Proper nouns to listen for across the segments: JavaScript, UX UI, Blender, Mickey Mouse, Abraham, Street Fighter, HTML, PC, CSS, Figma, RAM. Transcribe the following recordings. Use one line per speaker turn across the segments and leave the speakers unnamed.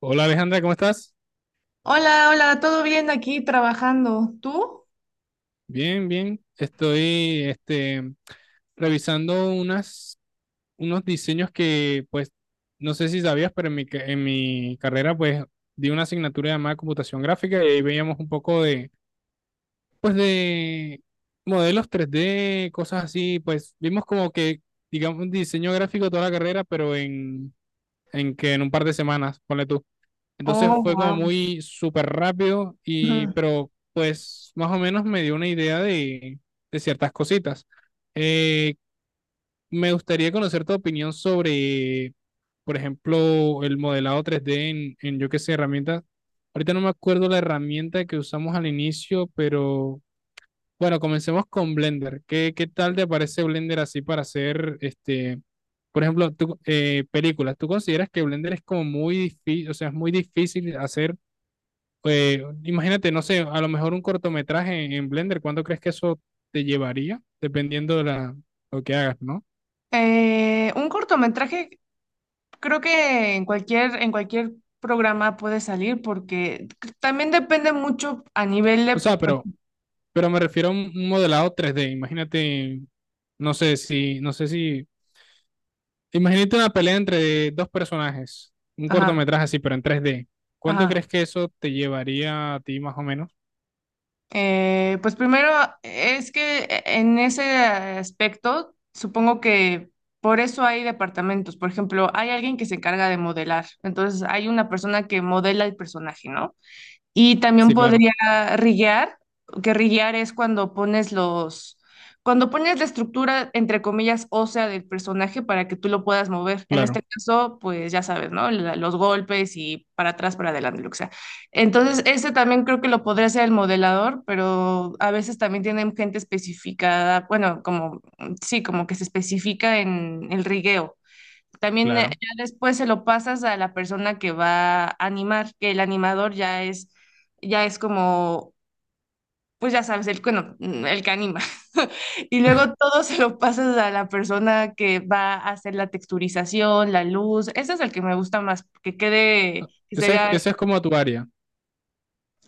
Hola Alejandra, ¿cómo estás?
Hola, hola, ¿todo bien aquí trabajando? ¿Tú?
Bien, bien. Estoy revisando unos diseños que, pues, no sé si sabías, pero en en mi carrera, pues, di una asignatura llamada computación gráfica y ahí veíamos un poco de, pues, de modelos tres d cosas así. Pues, vimos como que, digamos, un diseño gráfico toda la carrera, pero en que en un par de semanas, ponle tú. Entonces
Oh,
fue como
wow.
muy súper rápido pero pues más o menos me dio una idea de ciertas cositas. Eh, Me gustaría conocer tu opinión sobre, por ejemplo, el modelado tres d en yo qué sé, herramientas. Ahorita no me acuerdo la herramienta que usamos al inicio, pero bueno, comencemos con Blender. ¿Qué tal te parece Blender así para hacer, este, por ejemplo, tú, películas? ¿Tú consideras que Blender es como muy difícil, o sea, es muy difícil hacer imagínate, no sé, a lo mejor un cortometraje Blender, ¿cuánto crees que eso te llevaría? Dependiendo de la, lo que hagas, ¿no?
Un cortometraje, creo que en cualquier programa puede salir, porque también depende mucho a nivel
O
de...
sea, pero me refiero a un modelado 3D. Imagínate, no sé si, no sé si, imagínate una pelea entre dos personajes, un
Ajá,
cortometraje así, pero en 3D. ¿Cuánto
ajá.
crees que eso te llevaría a ti más o menos?
Pues primero es que en ese aspecto supongo que por eso hay departamentos. Por ejemplo, hay alguien que se encarga de modelar. Entonces hay una persona que modela el personaje, ¿no? Y también
Sí, claro,
podría riguear, que riguear es cuando pones los, cuando pones la estructura, entre comillas, ósea del personaje para que tú lo puedas mover. En este
claro,
caso, pues ya sabes, ¿no? La- los golpes y para atrás, para adelante, lo que sea. Entonces, ese también creo que lo podría hacer el modelador, pero a veces también tienen gente especificada, bueno, como, sí, como que se especifica en el rigueo. También
claro.
ya después se lo pasas a la persona que va a animar, que el animador ya es como, pues ya sabes, el, bueno, el que anima. Y luego todo se lo pasas a la persona que va a hacer la texturización, la luz. Ese es el que me gusta más, que quede, que se vea,
Esa es como tu área.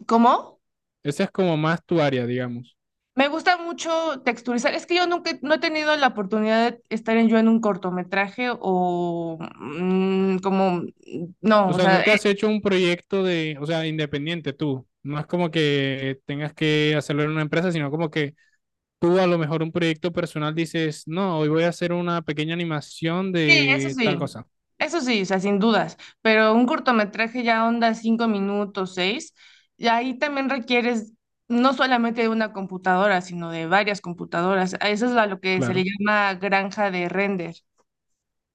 ¿cómo?
Esa es como más tu área, digamos.
Me gusta mucho texturizar. Es que yo nunca no he tenido la oportunidad de estar en un cortometraje o
O
no, o
sea,
sea,
nunca has hecho un proyecto de, o sea, independiente tú. No es como que tengas que hacerlo en una empresa, sino como que tú a lo mejor un proyecto personal dices, no, hoy voy a hacer una pequeña animación
sí, eso
de tal
sí,
cosa.
eso sí, o sea, sin dudas, pero un cortometraje ya onda 5 minutos, seis, y ahí también requieres no solamente de una computadora, sino de varias computadoras. A eso es a lo que se le
Claro,
llama granja de render.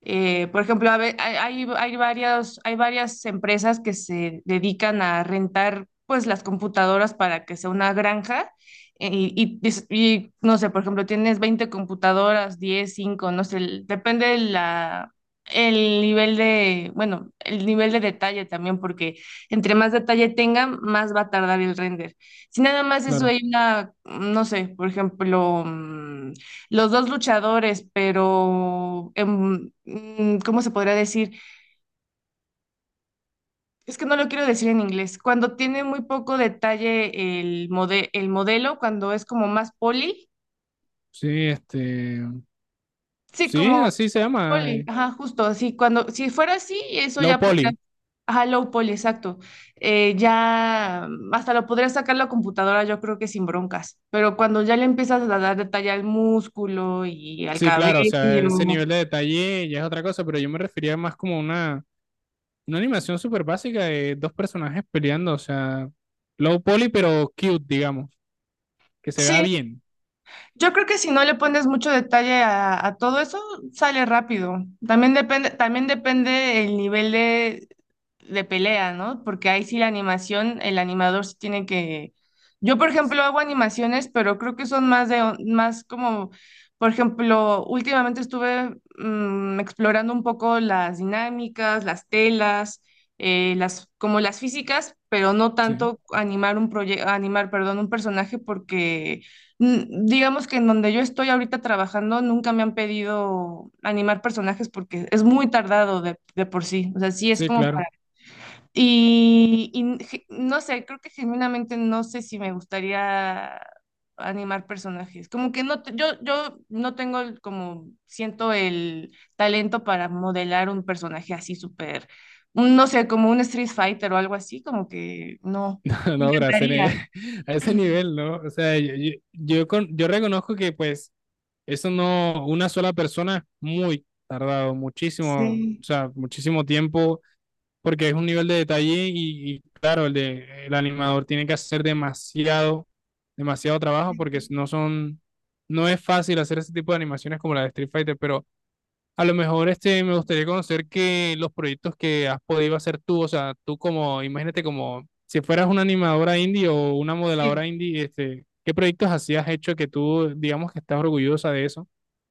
Por ejemplo, a ve- hay hay varias empresas que se dedican a rentar pues las computadoras para que sea una granja, no sé, por ejemplo, tienes 20 computadoras, 10, 5, no sé, depende de la, bueno, el nivel de detalle también, porque entre más detalle tenga, más va a tardar el render. Si nada más eso
claro.
hay una, no sé, por ejemplo... mm, los dos luchadores, pero ¿cómo se podría decir? Es que no lo quiero decir en inglés. Cuando tiene muy poco detalle el el modelo, cuando es como más poli,
Sí, este,
sí,
sí,
como
así se llama.
poli, ajá, justo así. Cuando, si fuera así, eso
Low
ya podría,
poly.
ajá, low poly, exacto. Ya hasta lo podría sacar la computadora, yo creo que sin broncas. Pero cuando ya le empiezas a dar detalle al músculo y al
Sí,
cabello,
claro, o sea, ese nivel de detalle ya es otra cosa, pero yo me refería más como una animación súper básica de dos personajes peleando, o sea, low poly, pero cute, digamos, que se vea
sí.
bien.
Yo creo que si no le pones mucho detalle a todo eso, sale rápido. También depende el nivel de pelea, ¿no? Porque ahí sí la animación, el animador sí tiene que... Yo, por ejemplo, hago animaciones, pero creo que son más como, por ejemplo, últimamente estuve explorando un poco las dinámicas, las telas, como las físicas, pero no
Sí.
tanto animar un proyecto, animar, perdón, un personaje, porque mm, digamos que en donde yo estoy ahorita trabajando, nunca me han pedido animar personajes porque es muy tardado de por sí. O sea, sí es
Sí,
como
claro.
no sé, creo que genuinamente no sé si me gustaría animar personajes. Como que no, yo no tengo como siento el talento para modelar un personaje así súper, no sé, como un Street Fighter o algo así, como que no. Me
No, gracias.
encantaría.
A ese nivel, ¿no? O sea, yo reconozco que pues eso no, una sola persona es muy tardado, muchísimo, o
Sí.
sea, muchísimo tiempo, porque es un nivel de detalle y claro, el animador tiene que hacer demasiado, demasiado trabajo porque no son, no es fácil hacer ese tipo de animaciones como la de Street Fighter, pero a lo mejor este, me gustaría conocer que los proyectos que has podido hacer tú, o sea, tú como, imagínate como si fueras una animadora indie o una
Sí.
modeladora indie, este, ¿qué proyectos así has hecho que tú, digamos que estás orgullosa de eso?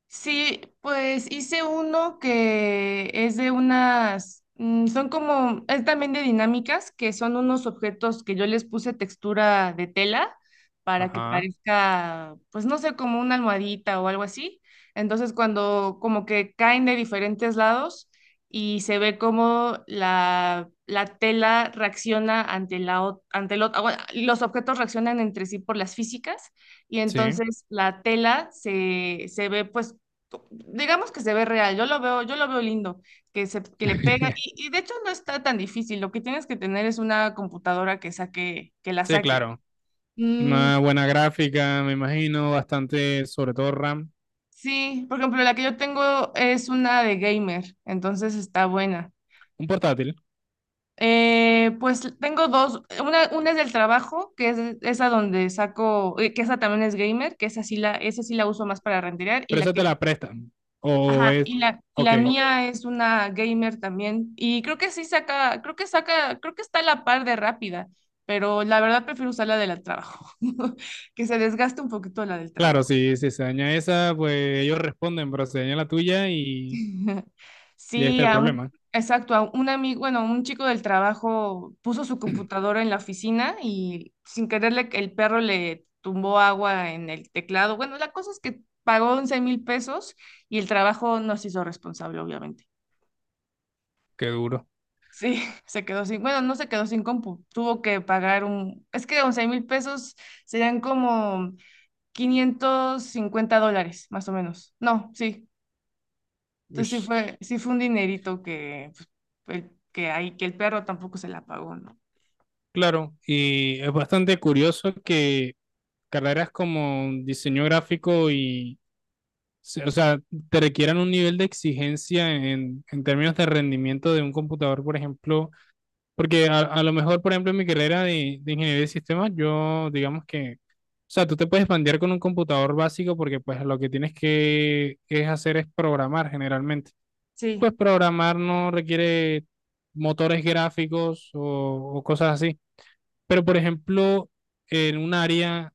Sí, pues hice uno que es de unas, es también de dinámicas, que son unos objetos que yo les puse textura de tela para que
Ajá,
parezca, pues no sé, como una almohadita o algo así. Entonces cuando como que caen de diferentes lados y se ve como la tela reacciona ante la, ot- ante lo- ah, bueno, los objetos reaccionan entre sí por las físicas y
sí.
entonces la tela se ve pues, digamos que se ve real, yo lo veo lindo, que se, que le pega, y de hecho no está tan difícil, lo que tienes que tener es una computadora que saque, que la
Sí,
saque.
claro.
Mm,
Una buena gráfica, me imagino, bastante, sobre todo RAM.
sí, por ejemplo, la que yo tengo es una de gamer, entonces está buena.
Un portátil,
Pues tengo dos, una es del trabajo, que es esa donde saco, que esa también es gamer, que esa sí la uso más para renderear, y
pero
la
esa
que
te la prestan. O
ajá,
es,
y la, y
ok.
la mía es una gamer también. Y creo que sí saca, creo que está a la par de rápida, pero la verdad prefiero usar la del trabajo, que se desgaste un poquito la del
Claro,
trabajo.
si, si se daña esa, pues ellos responden, pero se daña la tuya y ahí está
Sí,
el problema.
exacto, a un amigo, bueno, un chico del trabajo puso su computadora en la oficina y sin quererle el perro le tumbó agua en el teclado. Bueno, la cosa es que pagó 11,000 pesos y el trabajo nos hizo responsable, obviamente.
Qué duro.
Sí, se quedó sin, bueno, no se quedó sin compu, tuvo que pagar un, es que 11 mil pesos serían como 550 dólares, más o menos. No, sí, entonces sí
Ush.
fue, sí fue un dinerito que, pues, el- que ahí, que el perro tampoco se la pagó, ¿no?
Claro, y es bastante curioso que carreras como diseño gráfico o sea, te requieran un nivel de exigencia en términos de rendimiento de un computador, por ejemplo, porque a lo mejor, por ejemplo, en mi carrera de ingeniería de sistemas, yo, digamos que, o sea, tú te puedes bandear con un computador básico porque pues lo que tienes que es hacer es programar generalmente. Y
Sí,
pues programar no requiere motores gráficos o cosas así. Pero, por ejemplo, en un área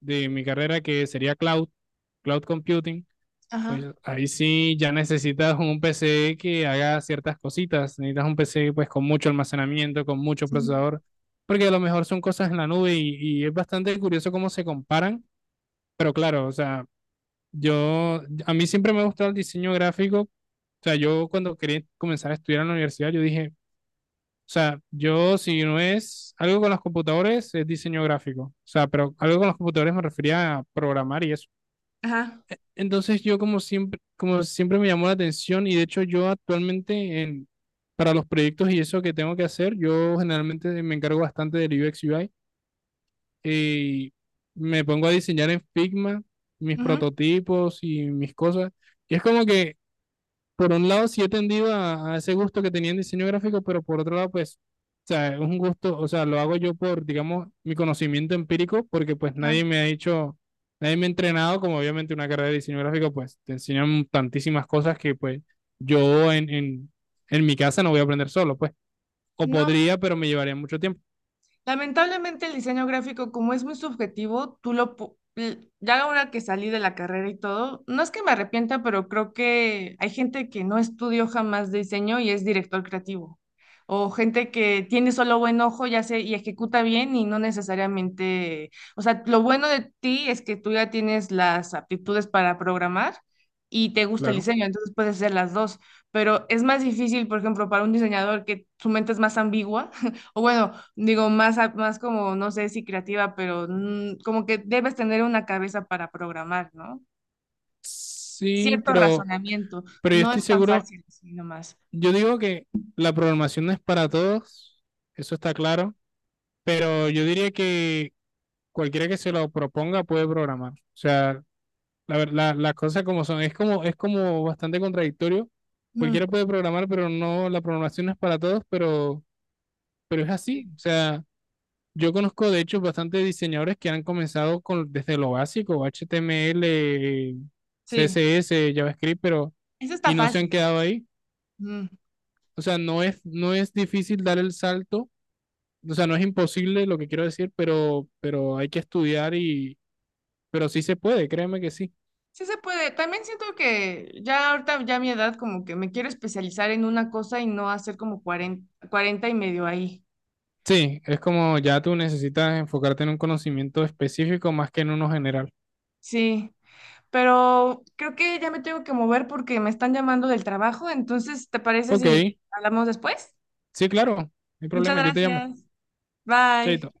de mi carrera que sería cloud, cloud computing, pues
ajá,
ahí sí ya necesitas un PC que haga ciertas cositas. Necesitas un PC pues con mucho almacenamiento, con mucho
sí,
procesador, porque a lo mejor son cosas en la nube y es bastante curioso cómo se comparan. Pero claro, o sea, yo, a mí siempre me ha gustado el diseño gráfico. O sea, yo cuando quería comenzar a estudiar en la universidad, yo dije, o sea, yo si no es algo con los computadores, es diseño gráfico. O sea, pero algo con los computadores me refería a programar y eso.
ajá,
Entonces yo como siempre me llamó la atención y de hecho yo actualmente para los proyectos y eso que tengo que hacer, yo generalmente me encargo bastante del UX UI y me pongo a diseñar en Figma mis
ujú,
prototipos y mis cosas. Y es como que por un lado sí he tendido a ese gusto que tenía en diseño gráfico, pero por otro lado, pues, o sea, es un gusto, o sea, lo hago yo por, digamos, mi conocimiento empírico, porque pues
ajá.
nadie me ha dicho, nadie me ha entrenado, como obviamente una carrera de diseño gráfico, pues te enseñan tantísimas cosas que pues yo en mi casa no voy a aprender solo, pues, o
No,
podría, pero me llevaría mucho tiempo,
lamentablemente el diseño gráfico, como es muy subjetivo, tú lo... pu- l- Ya ahora que salí de la carrera y todo, no es que me arrepienta, pero creo que hay gente que no estudió jamás diseño y es director creativo. O gente que tiene solo buen ojo, ya sé, y ejecuta bien y no necesariamente... O sea, lo bueno de ti es que tú ya tienes las aptitudes para programar y te gusta el
claro.
diseño, entonces puedes hacer las dos. Pero es más difícil, por ejemplo, para un diseñador que su mente es más ambigua o bueno, digo, más como, no sé si creativa, pero como que debes tener una cabeza para programar, ¿no?
Sí,
Cierto razonamiento.
pero yo
No
estoy
es tan
seguro,
fácil así nomás.
yo digo que la programación no es para todos, eso está claro. Pero yo diría que cualquiera que se lo proponga puede programar. O sea, las cosas como son. Es como bastante contradictorio.
Mm,
Cualquiera puede programar, pero no, la programación no es para todos, pero es así.
sí,
O sea, yo conozco de hecho bastantes diseñadores que han comenzado con, desde lo básico, HTML,
sí,
CSS, JavaScript,
eso
y
está
no se han
fácil.
quedado ahí.
Mm,
O sea, no es, no es difícil dar el salto. O sea, no es imposible lo que quiero decir, pero hay que estudiar y, pero sí se puede, créeme que sí.
Sí se puede. También siento que ya ahorita, ya a mi edad, como que me quiero especializar en una cosa y no hacer como 40 40 y medio ahí.
Sí, es como ya tú necesitas enfocarte en un conocimiento específico más que en uno general.
Sí, pero creo que ya me tengo que mover porque me están llamando del trabajo. Entonces, ¿te parece
Ok,
si hablamos después?
sí, claro, no hay
Muchas
problema, yo te llamo.
gracias.
Chaito.
Bye.